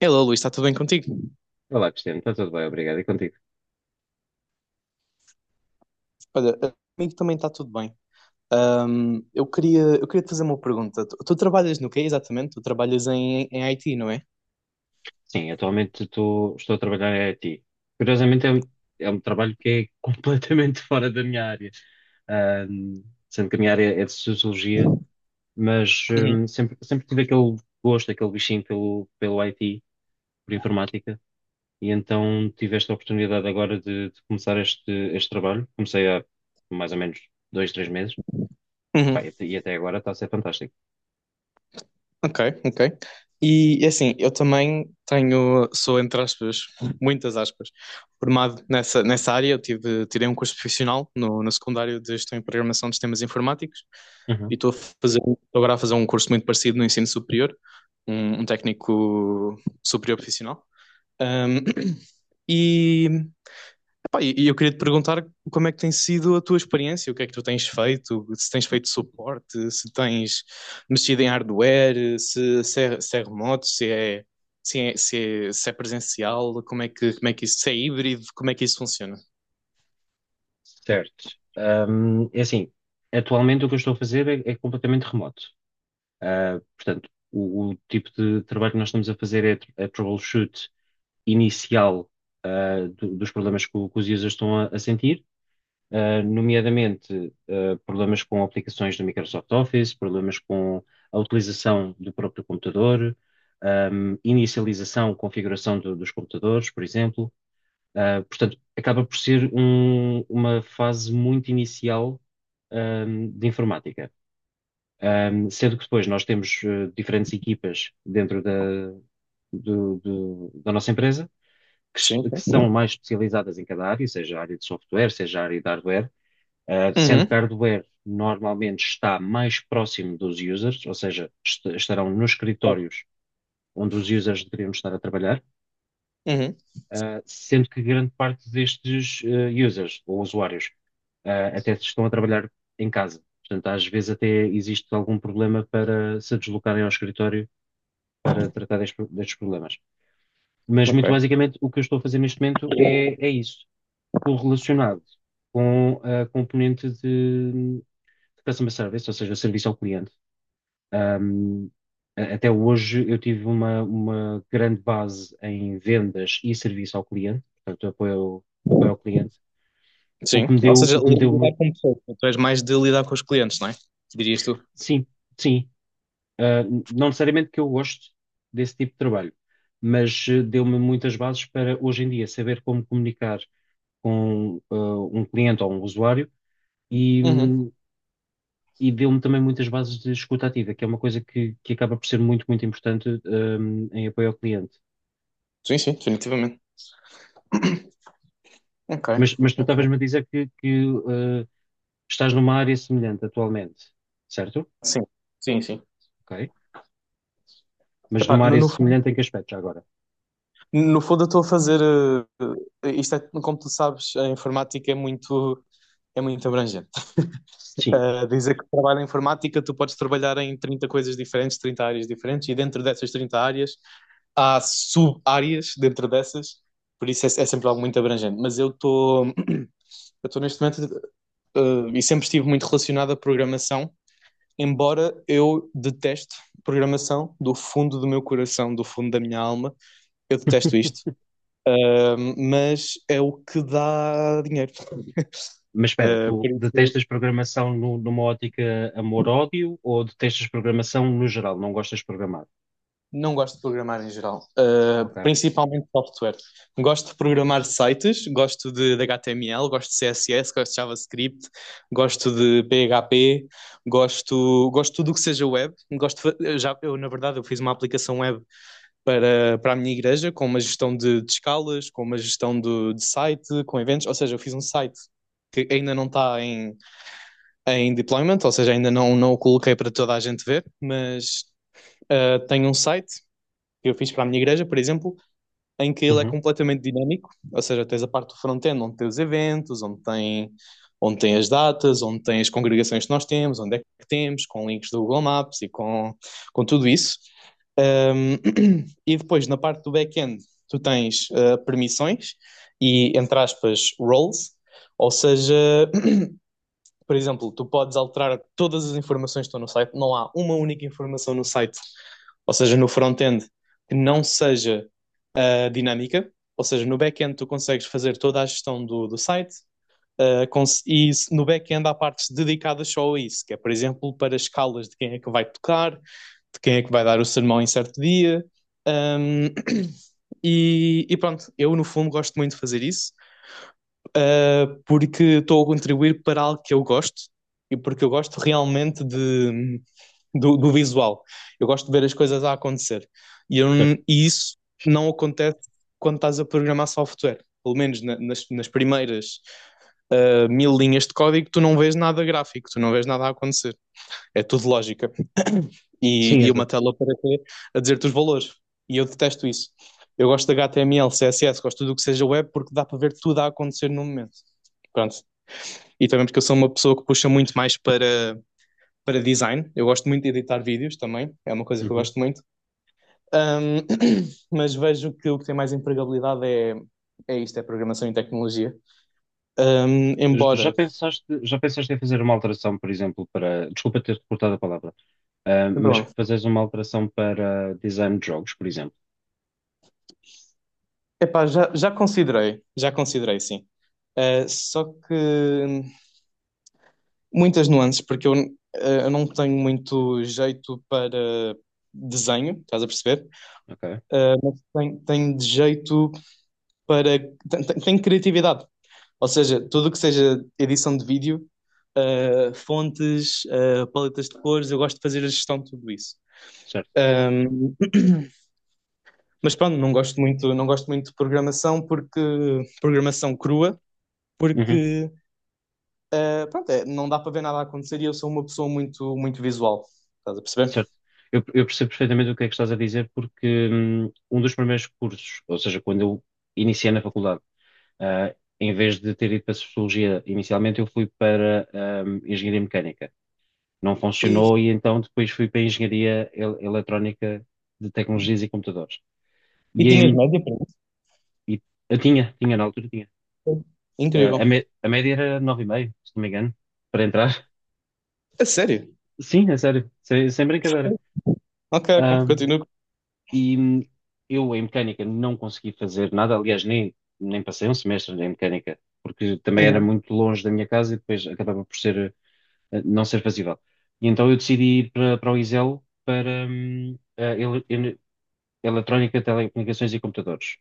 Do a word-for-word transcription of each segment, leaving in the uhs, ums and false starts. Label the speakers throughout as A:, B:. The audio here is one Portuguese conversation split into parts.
A: Hello, Luís, está tudo bem contigo?
B: Olá, Cristiano, está tudo bem, obrigado. E contigo?
A: Olha, comigo também está tudo bem. Ahm, eu queria, eu queria te fazer uma pergunta. Tu, tu trabalhas no quê exatamente? Tu trabalhas em, em I T, não é?
B: Sim, atualmente tô- estou a trabalhar em I T. Curiosamente, é um, é um trabalho que é completamente fora da minha área. Ahm, sendo que a minha área é de sociologia, mas
A: Uhum.
B: ahm, sempre, sempre tive aquele gosto, aquele bichinho pelo, pelo I T, por informática, e então tive esta oportunidade agora de, de começar este, este trabalho. Comecei há mais ou menos dois, três meses.
A: Uhum.
B: Pá, e até e até agora está a ser fantástico.
A: Ok, ok. E assim, eu também tenho, sou entre aspas, muitas aspas, formado nessa, nessa área. Eu tive, tirei um curso profissional no, no secundário de Gestão e Programação de Sistemas Informáticos e estou a fazer, estou agora a fazer um curso muito parecido no ensino superior, um, um técnico superior profissional. Ahm, e, epá, e eu queria te perguntar como é que tem sido a tua experiência, o que é que tu tens feito, se tens feito suporte, se tens mexido em hardware, se, se é, se é remoto, se é, se é, se é, se é presencial, como é que, como é que isso, se é híbrido, como é que isso funciona?
B: Certo. Ahm, é assim, atualmente o que eu estou a fazer é, é completamente remoto. Ah, portanto, o, o tipo de trabalho que nós estamos a fazer é tr- é troubleshoot inicial, ah, do- dos problemas que, o- que os users estão a, a sentir, ah, nomeadamente, ah, problemas com aplicações do Microsoft Office, problemas com a utilização do próprio computador, ahm, inicialização, configuração do- dos computadores, por exemplo. Uh, portanto, acaba por ser um- uma fase muito inicial, um, de informática. Um, sendo que depois nós temos uh, diferentes equipas dentro da, do- do- da nossa empresa que,
A: Sim,
B: s- que
A: sim.
B: são mais especializadas em cada área, seja a área de software, seja a área de hardware. Uh, sendo
A: Uhum.
B: que a hardware normalmente está mais próximo dos users, ou seja, est- estarão nos escritórios onde os users deveriam estar a trabalhar.
A: Uhum.
B: Uh, sendo que grande parte destes uh, users ou usuários uh, até se estão a trabalhar em casa. Portanto, às vezes até existe algum problema para se deslocarem ao escritório para tratar destes, destes problemas. Mas, muito
A: Ok.
B: basicamente, o que eu estou a fazer neste momento é, é isso, correlacionado com a componente de, de customer service, ou seja, serviço ao cliente. Um, a- Até hoje eu tive uma, uma grande base em vendas e serviço ao cliente, portanto, apoio, apoio ao cliente, o que
A: Sim.
B: me
A: Ou
B: deu,
A: seja,
B: o que me deu muito.
A: lidar com pessoas. Tu és mais de lidar com os clientes, não é? Dirias tu.
B: Sim, sim. Ah, não necessariamente que eu goste desse tipo de trabalho, mas eh, deu-me muitas bases para hoje em dia saber como comunicar com ah, um cliente ou um usuário e,
A: Uhum.
B: hum, e deu-me também muitas bases de escuta ativa, que é uma coisa que, que acaba por ser muito, muito importante, hum, em apoio ao cliente.
A: Sim, sim, definitivamente. Ok.
B: Mas, mas tu
A: Ok.
B: estavas-me a dizer que, que, eh, estás numa área semelhante atualmente, certo?
A: Sim, sim, sim.
B: Ok. Mas
A: Epá,
B: numa
A: no,
B: área
A: no fundo,
B: semelhante em que aspecto já agora?
A: No fundo, eu estou a fazer. Eh, Isto é, como tu sabes, a informática é muito, é muito abrangente.
B: Sim.
A: Eh, dizer que trabalho em informática, tu podes trabalhar em trinta coisas diferentes, trinta áreas diferentes, e dentro dessas trinta áreas há sub-áreas dentro dessas, por isso é, é sempre algo muito abrangente. Mas eu estou, eu estou neste momento, eh, e sempre estive muito relacionado à programação, embora eu deteste programação do fundo do meu coração, do fundo da minha alma, eu detesto isto. Um, mas é o que dá dinheiro.
B: Mas espera,
A: Uh,
B: tu
A: por isso
B: detestas programação nu- numa ótica amor-ódio ou detestas programação no geral? Não gostas de programar?
A: não gosto de programar em geral, Uh,
B: Ok.
A: principalmente software. Gosto de programar sites, gosto de, de H T M L, gosto de C S S, gosto de JavaScript, gosto de P H P, gosto, gosto de tudo o que seja web. Gosto de já, eu, na verdade, eu fiz uma aplicação web para, para a minha igreja, com uma gestão de, de escalas, com uma gestão do- de site, com eventos, ou seja, eu fiz um site que ainda não está em, em deployment, ou seja, ainda não, não o coloquei para toda a gente ver, mas uh, tenho um site que eu fiz para a minha igreja, por exemplo, em que ele é
B: Uhum.
A: completamente dinâmico, ou seja, tens a parte do front-end onde tem os eventos, onde tem, onde tem as datas, onde tem as congregações que nós temos, onde é que temos, com links do Google Maps e com, com tudo isso. Um, e depois, na parte do back-end, tu tens uh, permissões e, entre aspas, roles, ou seja, por exemplo, tu podes alterar todas as informações que estão no site, não há uma única informação no site, ou seja, no front-end, que não seja uh, dinâmica, ou seja, no back-end tu consegues fazer toda a gestão do, do site. Uh, cons- e no back-end há partes dedicadas só a isso, que é, por exemplo, para escalas de quem é que vai tocar, de quem é que vai dar o sermão em certo dia. Um, e, e, pronto, eu no fundo gosto muito de fazer isso ah, porque estou a contribuir para algo que eu gosto e porque eu gosto realmente de, do, do visual. Eu gosto de ver as coisas a acontecer. E, eu
B: Certo.
A: e isso não acontece quando estás a programar software. Pelo menos na- nas, nas primeiras ah, mil linhas de código, tu não vês nada gráfico, tu não vês nada a acontecer. É tudo lógica. E,
B: Sim,
A: e uma
B: exato.
A: tela para quê? A dizer-te os valores. E eu detesto isso. Eu gosto de H T M L, C S S, gosto de tudo o que seja web porque dá para ver tudo a acontecer no momento. Pronto. E também porque eu sou uma pessoa que puxa muito mais para, para design. Eu gosto muito de editar vídeos também, é uma coisa que eu
B: Uhum.
A: gosto muito. Ahm, mas vejo que o que tem mais empregabilidade é, é, isto, é programação e tecnologia. Ahm,
B: J- Já
A: embora,
B: pensaste, já pensaste em fazer uma alteração, por exemplo, para. Desculpa ter-te cortado a palavra, ah,
A: sem
B: mas
A: problema.
B: fazeres uma alteração para design de jogos, por exemplo.
A: Epá, já, já considerei, já considerei, sim. Ah, só que hum, Muitas nuances, porque eu, eh, eu não tenho muito jeito para desenho, estás a perceber?
B: Ok.
A: Eh, mas tenho, tenho de jeito para. Tenho, tenho- tenho criatividade. Ou seja, tudo o que seja edição de vídeo, eh, fontes, eh, paletas de cores, eu gosto de fazer a gestão de tudo isso.
B: Certo.
A: Ahm, mas pronto, não gosto muito, não gosto muito de programação porque programação crua,
B: Uhum.
A: porque eh, pronto, é, não dá para ver nada a acontecer e eu sou uma pessoa muito, muito visual. Estás a
B: Certo.
A: perceber?
B: Eu, eu percebo perfeitamente o que é que estás a dizer, porque hum, um dos primeiros cursos, ou seja, quando eu iniciei na faculdade, ah, em vez de ter ido para Sociologia inicialmente, eu fui para hum, Engenharia Mecânica. Não
A: E
B: funcionou e então depois fui para Engenharia El- Eletrónica de Tecnologias e Computadores.
A: E
B: E,
A: tinhas
B: em-
A: média para isso?
B: e- eu tinha, tinha na altura, tinha. Ah, a,
A: Incrível.
B: mé- a média era nove vírgula cinco, se não me engano, para entrar.
A: A sério?
B: Sim, é sério, sem, sem brincadeira.
A: Ok, ok.
B: Hum,
A: Continuo.
B: E hum, eu em mecânica não consegui fazer nada, aliás, nem, nem passei um semestre em mecânica, porque também era
A: Uhum.
B: muito longe da minha casa e depois acabava por ser, eh, não ser fazível. E então eu decidi ir para, para o ISEL para hum, a ele- ele- Eletrónica, Telecomunicações e Computadores.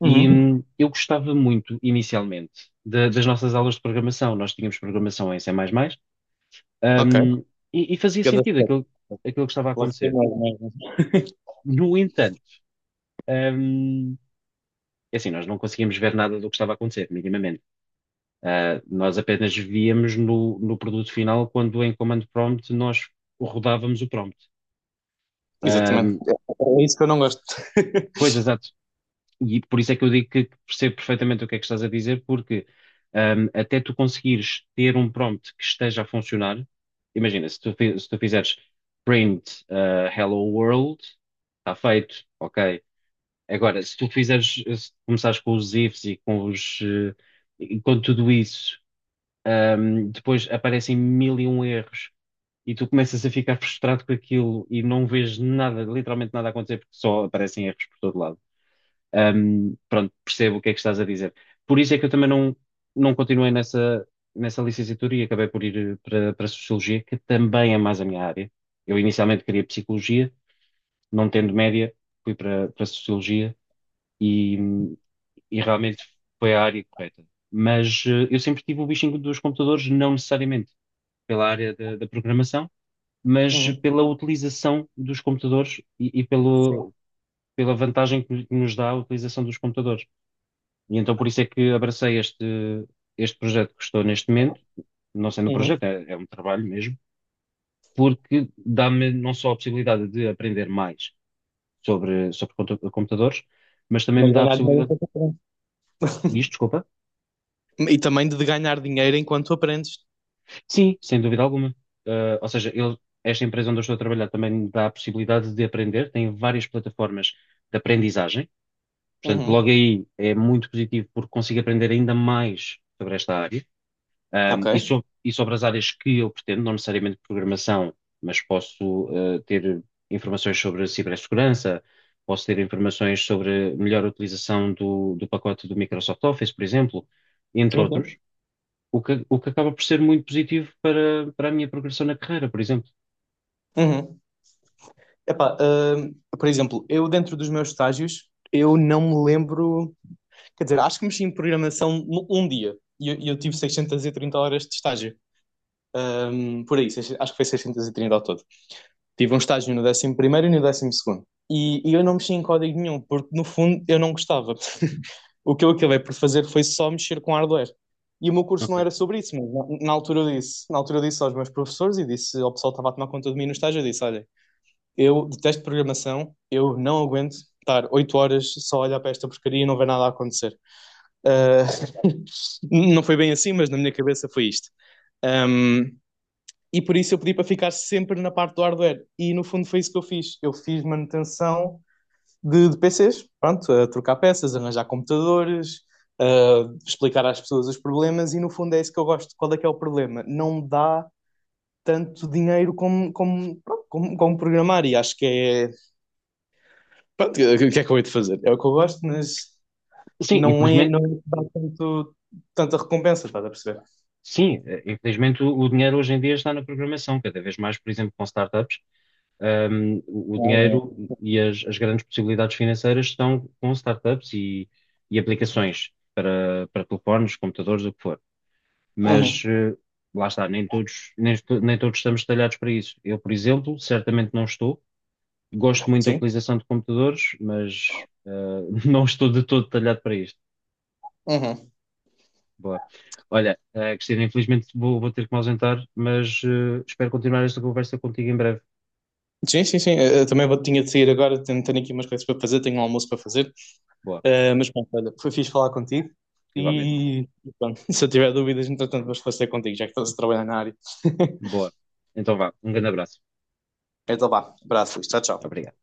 A: Uhum.
B: E hum, eu gostava muito, inicialmente, da- das nossas aulas de programação. Nós tínhamos programação em C++, mais mais,
A: Ok.
B: hum, e, e fazia
A: Cada
B: sentido
A: step.
B: aquilo, aquilo que estava a
A: Lá foi
B: acontecer.
A: mais, mais, mais.
B: No entanto, hum, é assim, nós não conseguíamos ver nada do que estava a acontecer, minimamente. Ah, nós apenas víamos no, no produto final quando em command prompt nós rodávamos o prompt. Ah,
A: Exatamente. É é isso que eu não gosto.
B: Pois, exato. E por isso é que eu digo que percebo perfeitamente o que é que estás a dizer, porque ah, até tu conseguires ter um prompt que esteja a funcionar, imagina, se tu, fi- se tu fizeres print ah, hello world, está feito, ok. Agora, se tu fizeres, se começares com os ifs e com os, eh, e com tudo isso. Ahm, depois aparecem mil e um erros e tu começas a ficar frustrado com aquilo e não vês nada, literalmente nada a acontecer porque só aparecem erros por todo lado. Ahm, pronto, percebo o que é que estás a dizer. Por isso é que eu também não, não continuei nessa, nessa licenciatura e acabei por ir eh, para, para Sociologia, que também é mais a minha área. Eu inicialmente queria Psicologia, não tendo média, fui para, para Sociologia e, e realmente foi a área correta. Mas eh, eu sempre tive o bichinho dos computadores, não necessariamente pela área da, da programação, mas
A: Uhum.
B: pela utilização dos computadores e, e
A: Sim.
B: pelo, pela vantagem que que nos dá a utilização dos computadores. E então por isso é que abracei este, este projeto que estou neste momento, não sendo um
A: Uhum.
B: projeto, é, é um trabalho mesmo, porque dá-me não só a possibilidade de aprender mais sobre, sobre compu- computadores, mas também
A: Mas
B: me dá a
A: ganhar dinheiro
B: possibilidade.
A: é diferente.
B: Diz, desculpa.
A: E também de ganhar dinheiro enquanto aprendes.
B: Sim, sem dúvida alguma. Ah, ou seja, eu- esta empresa onde eu estou a trabalhar também me dá a possibilidade de aprender, tem várias plataformas de aprendizagem, portanto, logo
A: Uhum.
B: aí é muito positivo porque consigo aprender ainda mais sobre esta área, ahm,
A: Ok.
B: e, so- e sobre as áreas que eu pretendo, não necessariamente programação, mas posso, ah, ter informações sobre cibersegurança, posso ter informações sobre melhor utilização do, do pacote do Microsoft Office, por exemplo, entre
A: Sim,
B: outros.
A: sim.
B: O que, o que acaba por ser muito positivo para, para a minha progressão na carreira, por exemplo.
A: Uhum. Epá, ah, por exemplo, eu dentro dos meus estágios, eu não me lembro Quer dizer, acho que mexi em programação um dia. E eu, eu tive seiscentas e trinta horas de estágio. Ahm, por aí, acho que foi seiscentas e trinta ao todo. Tive um estágio no décimo primeiro e no décimo segundo E, e eu não mexi em código nenhum, porque no fundo eu não gostava. O que eu acabei por fazer foi só mexer com hardware. E o meu curso não
B: Ok.
A: era sobre isso, mas na, na altura eu disse, na altura eu disse aos meus professores e disse ao pessoal que estava a tomar conta de mim no estágio, eu disse, olha, eu detesto programação, eu não aguento estar oito horas só a olhar para esta porcaria e não ver nada a acontecer. Ah, não foi bem assim, mas na minha cabeça foi isto. Um, e por isso eu pedi para ficar sempre na parte do hardware. E no fundo foi isso que eu fiz. Eu fiz manutenção de, de P Cs, pronto, a trocar peças, arranjar computadores, uh, explicar às pessoas os problemas. E no fundo é isso que eu gosto. Qual é que é o problema? Não dá tanto dinheiro como, como, pronto, como, como programar. E acho que é. Pronto, o que é que eu hei de fazer? É o que eu gosto, mas
B: Sim,
A: não é.
B: infelizmente,
A: Não dá tanto, tanta recompensa, estás a perceber?
B: sim, eh, infelizmente o, o dinheiro hoje em dia está na programação, cada vez mais, por exemplo, com startups, ahm, o o
A: Ah,
B: dinheiro e as, as grandes possibilidades financeiras estão com startups e, e aplicações para, para telefones, computadores, o que for.
A: é.
B: Mas
A: Uhum.
B: eh, lá está, nem todos, nem, estu- nem todos estamos talhados para isso. Eu, por exemplo, certamente não estou. Gosto muito da
A: Sim.
B: utilização de computadores, mas eh, não estou de todo talhado para isto.
A: Uhum.
B: Boa. Olha, eh, Cristina, infelizmente vou, vou ter que me ausentar, mas eh, espero continuar esta conversa contigo em breve.
A: Sim, sim, sim. Eu também vou, tinha de sair agora, tenho, tenho aqui umas coisas para fazer, tenho um almoço para fazer.
B: Boa,
A: Eh, mas pronto, olha, foi fixe falar contigo.
B: igualmente.
A: E pronto, se eu tiver dúvidas, entretanto, vou esclarecer contigo, já que estás a trabalhar na área.
B: Boa. Então vá, um grande abraço.
A: Então vá, abraço, tchau, tchau.
B: Obrigado.